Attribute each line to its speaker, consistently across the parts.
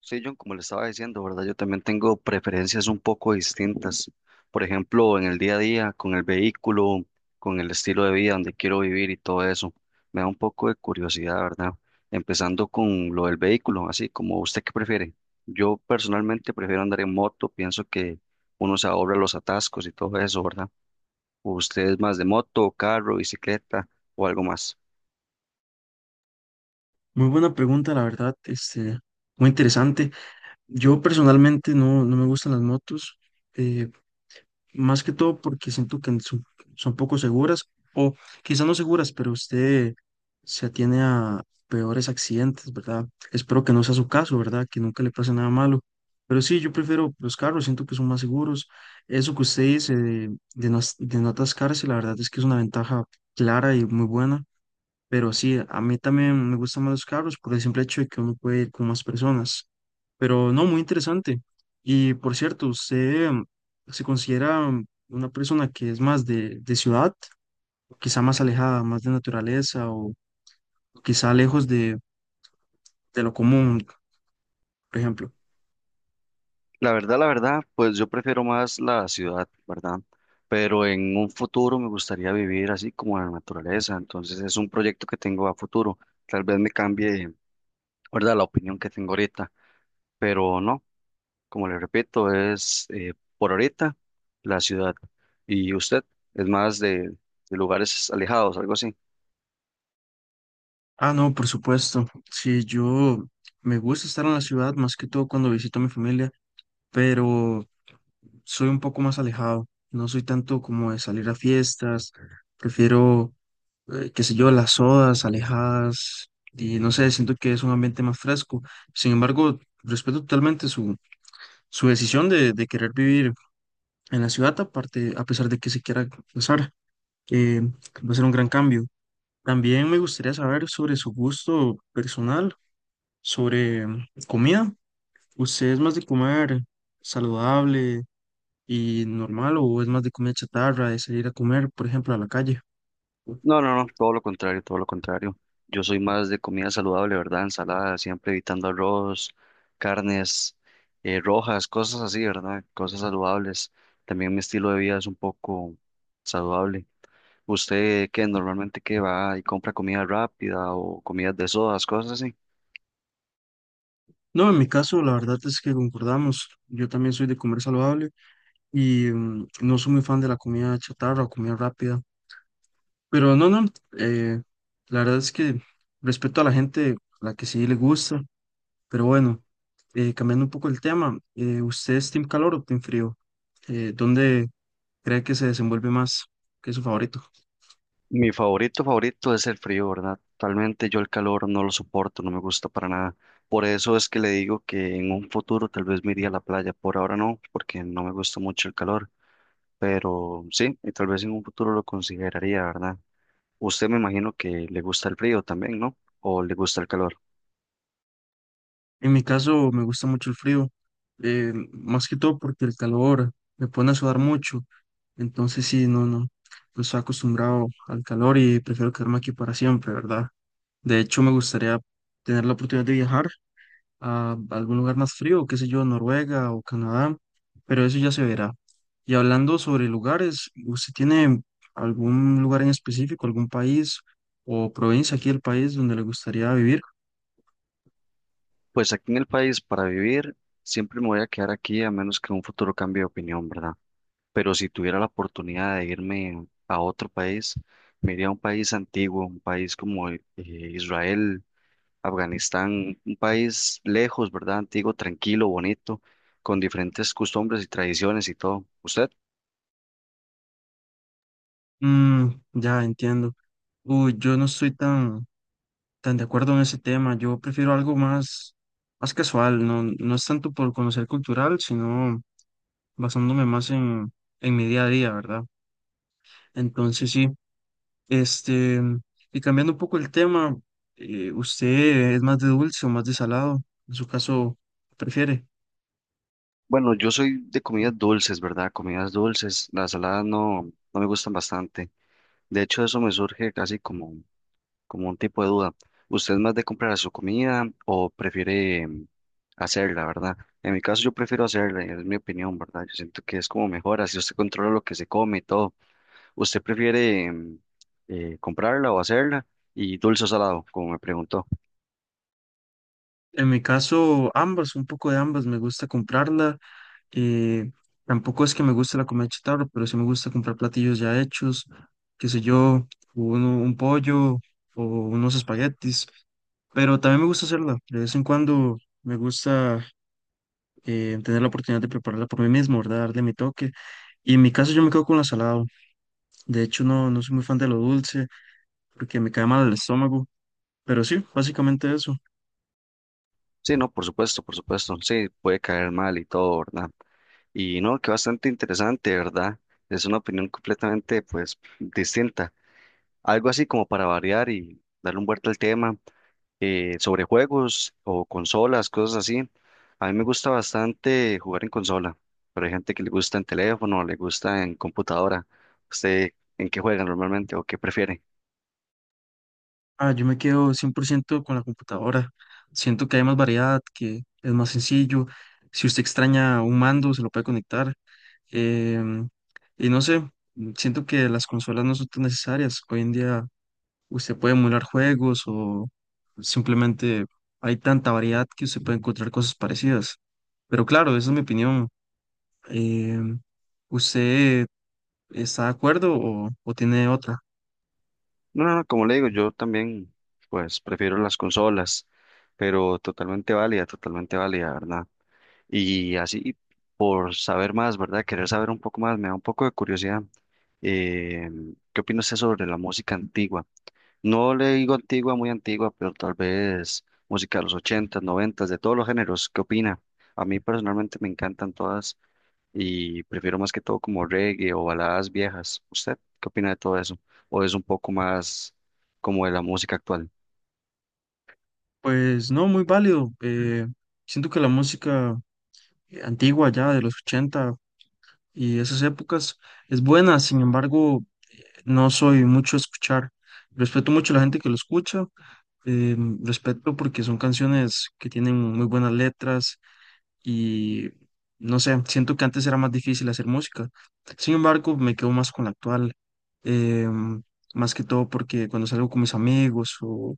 Speaker 1: Sí, John, como le estaba diciendo, ¿verdad? Yo también tengo preferencias un poco distintas. Por ejemplo, en el día a día, con el vehículo, con el estilo de vida, donde quiero vivir y todo eso. Me da un poco de curiosidad, ¿verdad? Empezando con lo del vehículo, así como usted qué prefiere. Yo personalmente prefiero andar en moto, pienso que uno se ahorra los atascos y todo eso, ¿verdad? ¿Usted es más de moto, carro, bicicleta o algo más?
Speaker 2: Muy buena pregunta, la verdad, muy interesante. Yo personalmente no me gustan las motos, eh, más que todo porque siento que son poco seguras, o quizás no seguras, pero usted se atiene a peores accidentes, ¿verdad? Espero que no sea su caso, ¿verdad? Que nunca le pase nada malo. Pero sí, yo prefiero los carros, siento que son más seguros. Eso que usted dice de no, de no atascarse, la verdad es que es una ventaja clara y muy buena. Pero sí, a mí también me gustan más los carros por el simple hecho de que uno puede ir con más personas. Pero no, muy interesante. Y por cierto, ¿usted se considera una persona que es más de ciudad, quizá más alejada, más de naturaleza o quizá lejos de lo común, por ejemplo?
Speaker 1: La verdad, pues yo prefiero más la ciudad, ¿verdad? Pero en un futuro me gustaría vivir así como en la naturaleza, entonces es un proyecto que tengo a futuro. Tal vez me cambie, ¿verdad? La opinión que tengo ahorita, pero no, como le repito, es por ahorita la ciudad. ¿Y usted es más de lugares alejados, algo así?
Speaker 2: Ah, no, por supuesto. Sí, yo me gusta estar en la ciudad más que todo cuando visito a mi familia, pero soy un poco más alejado. No soy tanto como de salir a fiestas. Prefiero qué sé yo, las sodas alejadas, y no sé, siento que es un ambiente más fresco. Sin embargo, respeto totalmente su decisión de querer vivir en la ciudad, aparte, a pesar de que se quiera casar, eh, va a ser un gran cambio. También me gustaría saber sobre su gusto personal, sobre comida. ¿Usted es más de comer saludable y normal o es más de comida chatarra, de salir a comer, por ejemplo, a la calle?
Speaker 1: No, no, no, todo lo contrario, todo lo contrario. Yo soy más de comida saludable, ¿verdad? Ensalada, siempre evitando arroz, carnes rojas, cosas así, ¿verdad? Cosas saludables. También mi estilo de vida es un poco saludable. ¿Usted qué normalmente qué va y compra comida rápida o comidas de sodas, cosas así?
Speaker 2: No, en mi caso, la verdad es que concordamos. Yo también soy de comer saludable y no soy muy fan de la comida chatarra o comida rápida. Pero no, eh, la verdad es que respeto a la gente, a la que sí le gusta. Pero bueno, cambiando un poco el tema, ¿usted es team calor o team frío? ¿Dónde cree que se desenvuelve más? ¿Qué es su favorito?
Speaker 1: Mi favorito, favorito es el frío, ¿verdad? Totalmente yo el calor no lo soporto, no me gusta para nada. Por eso es que le digo que en un futuro tal vez me iría a la playa. Por ahora no, porque no me gusta mucho el calor. Pero sí, y tal vez en un futuro lo consideraría, ¿verdad? Usted me imagino que le gusta el frío también, ¿no? ¿O le gusta el calor?
Speaker 2: En mi caso me gusta mucho el frío, más que todo porque el calor me pone a sudar mucho, entonces sí, no estoy acostumbrado al calor y prefiero quedarme aquí para siempre, ¿verdad? De hecho, me gustaría tener la oportunidad de viajar a algún lugar más frío, qué sé yo, Noruega o Canadá, pero eso ya se verá. Y hablando sobre lugares, ¿usted tiene algún lugar en específico, algún país o provincia aquí del país donde le gustaría vivir?
Speaker 1: Pues aquí en el país, para vivir, siempre me voy a quedar aquí a menos que en un futuro cambie de opinión, ¿verdad? Pero si tuviera la oportunidad de irme a otro país, me iría a un país antiguo, un país como Israel, Afganistán, un país lejos, ¿verdad? Antiguo, tranquilo, bonito, con diferentes costumbres y tradiciones y todo. ¿Usted?
Speaker 2: Mm, ya entiendo. Uy, yo no estoy tan de acuerdo en ese tema. Yo prefiero algo más casual. No, no es tanto por conocer cultural, sino basándome más en mi día a día, ¿verdad? Entonces sí, este, y cambiando un poco el tema, ¿usted es más de dulce o más de salado? En su caso, ¿prefiere?
Speaker 1: Bueno, yo soy de comidas dulces, ¿verdad? Comidas dulces. Las saladas no, no me gustan bastante. De hecho, eso me surge casi como, como un tipo de duda. ¿Usted es más de comprar su comida o prefiere hacerla, verdad? En mi caso, yo prefiero hacerla, es mi opinión, ¿verdad? Yo siento que es como mejor, así usted controla lo que se come y todo. ¿Usted prefiere comprarla o hacerla? Y dulce o salado, como me preguntó.
Speaker 2: En mi caso, ambas, un poco de ambas. Me gusta comprarla. Eh, Tampoco es que me guste la comida chatarra, pero sí me gusta comprar platillos ya hechos, qué sé yo, un pollo o unos espaguetis, pero también me gusta hacerla. De vez en cuando me gusta tener la oportunidad de prepararla por mí mismo, ¿verdad? Darle mi toque. Y en mi caso yo me quedo con la salada. De hecho, no soy muy fan de lo dulce porque me cae mal el estómago, pero sí, básicamente eso.
Speaker 1: Sí, no, por supuesto, por supuesto. Sí, puede caer mal y todo, ¿verdad? Y no, que bastante interesante, ¿verdad? Es una opinión completamente, pues, distinta. Algo así como para variar y darle un vuelta al tema sobre juegos o consolas, cosas así. A mí me gusta bastante jugar en consola, pero hay gente que le gusta en teléfono, le gusta en computadora. ¿Usted en qué juega normalmente o qué prefiere?
Speaker 2: Ah, yo me quedo 100% con la computadora. Siento que hay más variedad, que es más sencillo. Si usted extraña un mando, se lo puede conectar. Em, y no sé, siento que las consolas no son tan necesarias. Hoy en día usted puede emular juegos o simplemente hay tanta variedad que usted puede encontrar cosas parecidas. Pero claro, esa es mi opinión. Em, ¿usted está de acuerdo o tiene otra?
Speaker 1: No, no, no, como le digo, yo también, pues, prefiero las consolas, pero totalmente válida, ¿verdad? Y así, por saber más, ¿verdad? Querer saber un poco más, me da un poco de curiosidad. Eh, ¿Qué opina usted sobre la música antigua? No le digo antigua, muy antigua, pero tal vez música de los ochentas noventas de todos los géneros. ¿Qué opina? A mí personalmente me encantan todas y prefiero más que todo como reggae o baladas viejas. ¿Usted qué opina de todo eso? ¿O es un poco más como de la música actual?
Speaker 2: Pues no, muy válido. Siento que la música antigua ya de los 80 y esas épocas es buena, sin embargo, no soy mucho a escuchar. Respeto mucho a la gente que lo escucha, eh, respeto porque son canciones que tienen muy buenas letras y no sé, siento que antes era más difícil hacer música. Sin embargo, me quedo más con la actual, eh, más que todo porque cuando salgo con mis amigos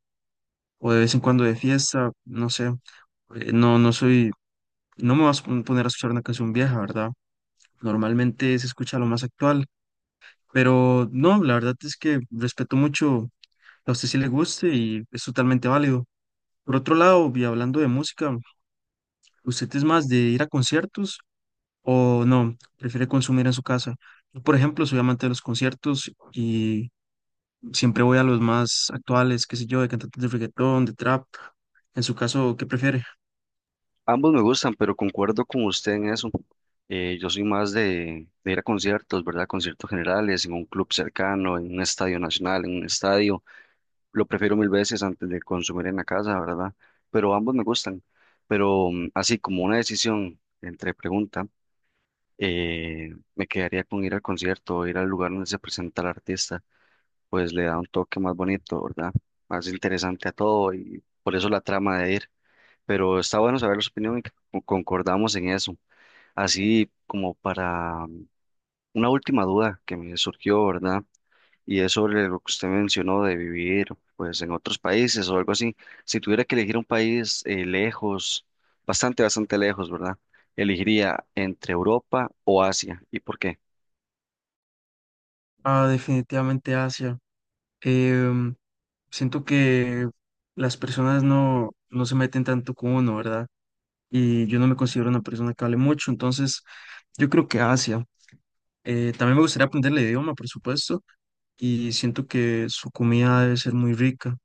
Speaker 2: o de vez en cuando de fiesta, no sé, eh, no, no soy, no me vas a poner a escuchar una canción vieja, ¿verdad? Normalmente se escucha lo más actual, pero no, la verdad es que respeto mucho a usted si le guste y es totalmente válido. Por otro lado, y hablando de música, ¿usted es más de ir a conciertos o no? ¿Prefiere consumir en su casa? Yo, por ejemplo, soy amante de los conciertos y siempre voy a los más actuales, qué sé yo, de cantantes de reggaetón, de trap. En su caso, ¿qué prefiere?
Speaker 1: Ambos me gustan, pero concuerdo con usted en eso. Yo soy más de ir a conciertos, ¿verdad? Conciertos generales, en un club cercano, en un estadio nacional, en un estadio. Lo prefiero mil veces antes de consumir en la casa, ¿verdad? Pero ambos me gustan. Pero así como una decisión entre pregunta, me quedaría con ir al concierto, ir al lugar donde se presenta el artista, pues le da un toque más bonito, ¿verdad? Más interesante a todo y por eso la trama de ir, pero está bueno saber su opinión y que concordamos en eso. Así como para una última duda que me surgió, ¿verdad? Y es sobre lo que usted mencionó de vivir pues en otros países o algo así. Si tuviera que elegir un país lejos, bastante, bastante lejos, ¿verdad? Elegiría entre Europa o Asia. ¿Y por qué?
Speaker 2: Ah, definitivamente Asia. Em, Siento que las personas no se meten tanto con uno, ¿verdad? Y yo no me considero una persona que hable mucho, entonces yo creo que Asia. También me gustaría aprender el idioma, por supuesto, y siento que su comida debe ser muy rica.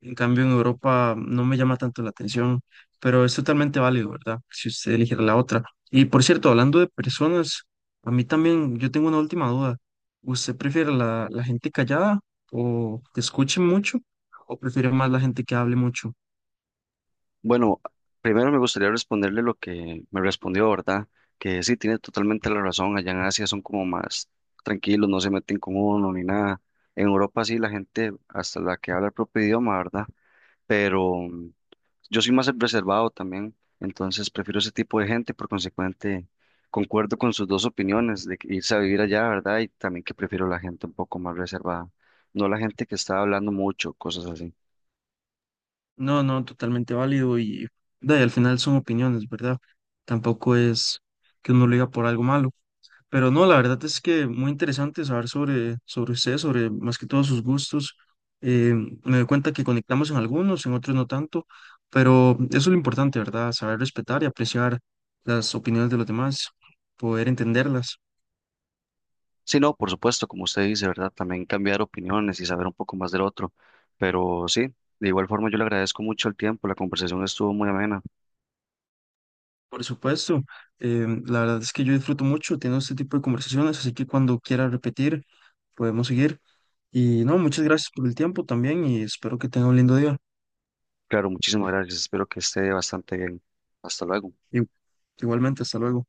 Speaker 2: En cambio, en Europa no me llama tanto la atención, pero es totalmente válido, ¿verdad? Si usted eligiera la otra. Y por cierto, hablando de personas, a mí también yo tengo una última duda. ¿Usted prefiere la gente callada o que escuche mucho o prefiere más la gente que hable mucho?
Speaker 1: Bueno, primero me gustaría responderle lo que me respondió, ¿verdad? Que sí, tiene totalmente la razón. Allá en Asia son como más tranquilos, no se meten con uno ni nada. En Europa sí, la gente, hasta la que habla el propio idioma, ¿verdad? Pero yo soy más reservado también, entonces prefiero ese tipo de gente. Por consecuente, concuerdo con sus dos opiniones de que irse a vivir allá, ¿verdad? Y también que prefiero la gente un poco más reservada, no la gente que está hablando mucho, cosas así.
Speaker 2: No, no, totalmente válido y, da, y al final son opiniones, ¿verdad? Tampoco es que uno lo diga por algo malo. Pero no, la verdad es que muy interesante saber sobre usted, sobre más que todos sus gustos. Eh, Me doy cuenta que conectamos en algunos, en otros no tanto, pero eso es lo importante, ¿verdad? Saber respetar y apreciar las opiniones de los demás, poder entenderlas.
Speaker 1: Sí, no, por supuesto, como usted dice, ¿verdad? También cambiar opiniones y saber un poco más del otro. Pero sí, de igual forma yo le agradezco mucho el tiempo, la conversación estuvo muy amena.
Speaker 2: Por supuesto, la verdad es que yo disfruto mucho teniendo este tipo de conversaciones, así que cuando quiera repetir, podemos seguir. Y no, muchas gracias por el tiempo también y espero que tenga un lindo día.
Speaker 1: Claro, muchísimas gracias, espero que esté bastante bien. Hasta luego.
Speaker 2: Y- Igualmente, hasta luego.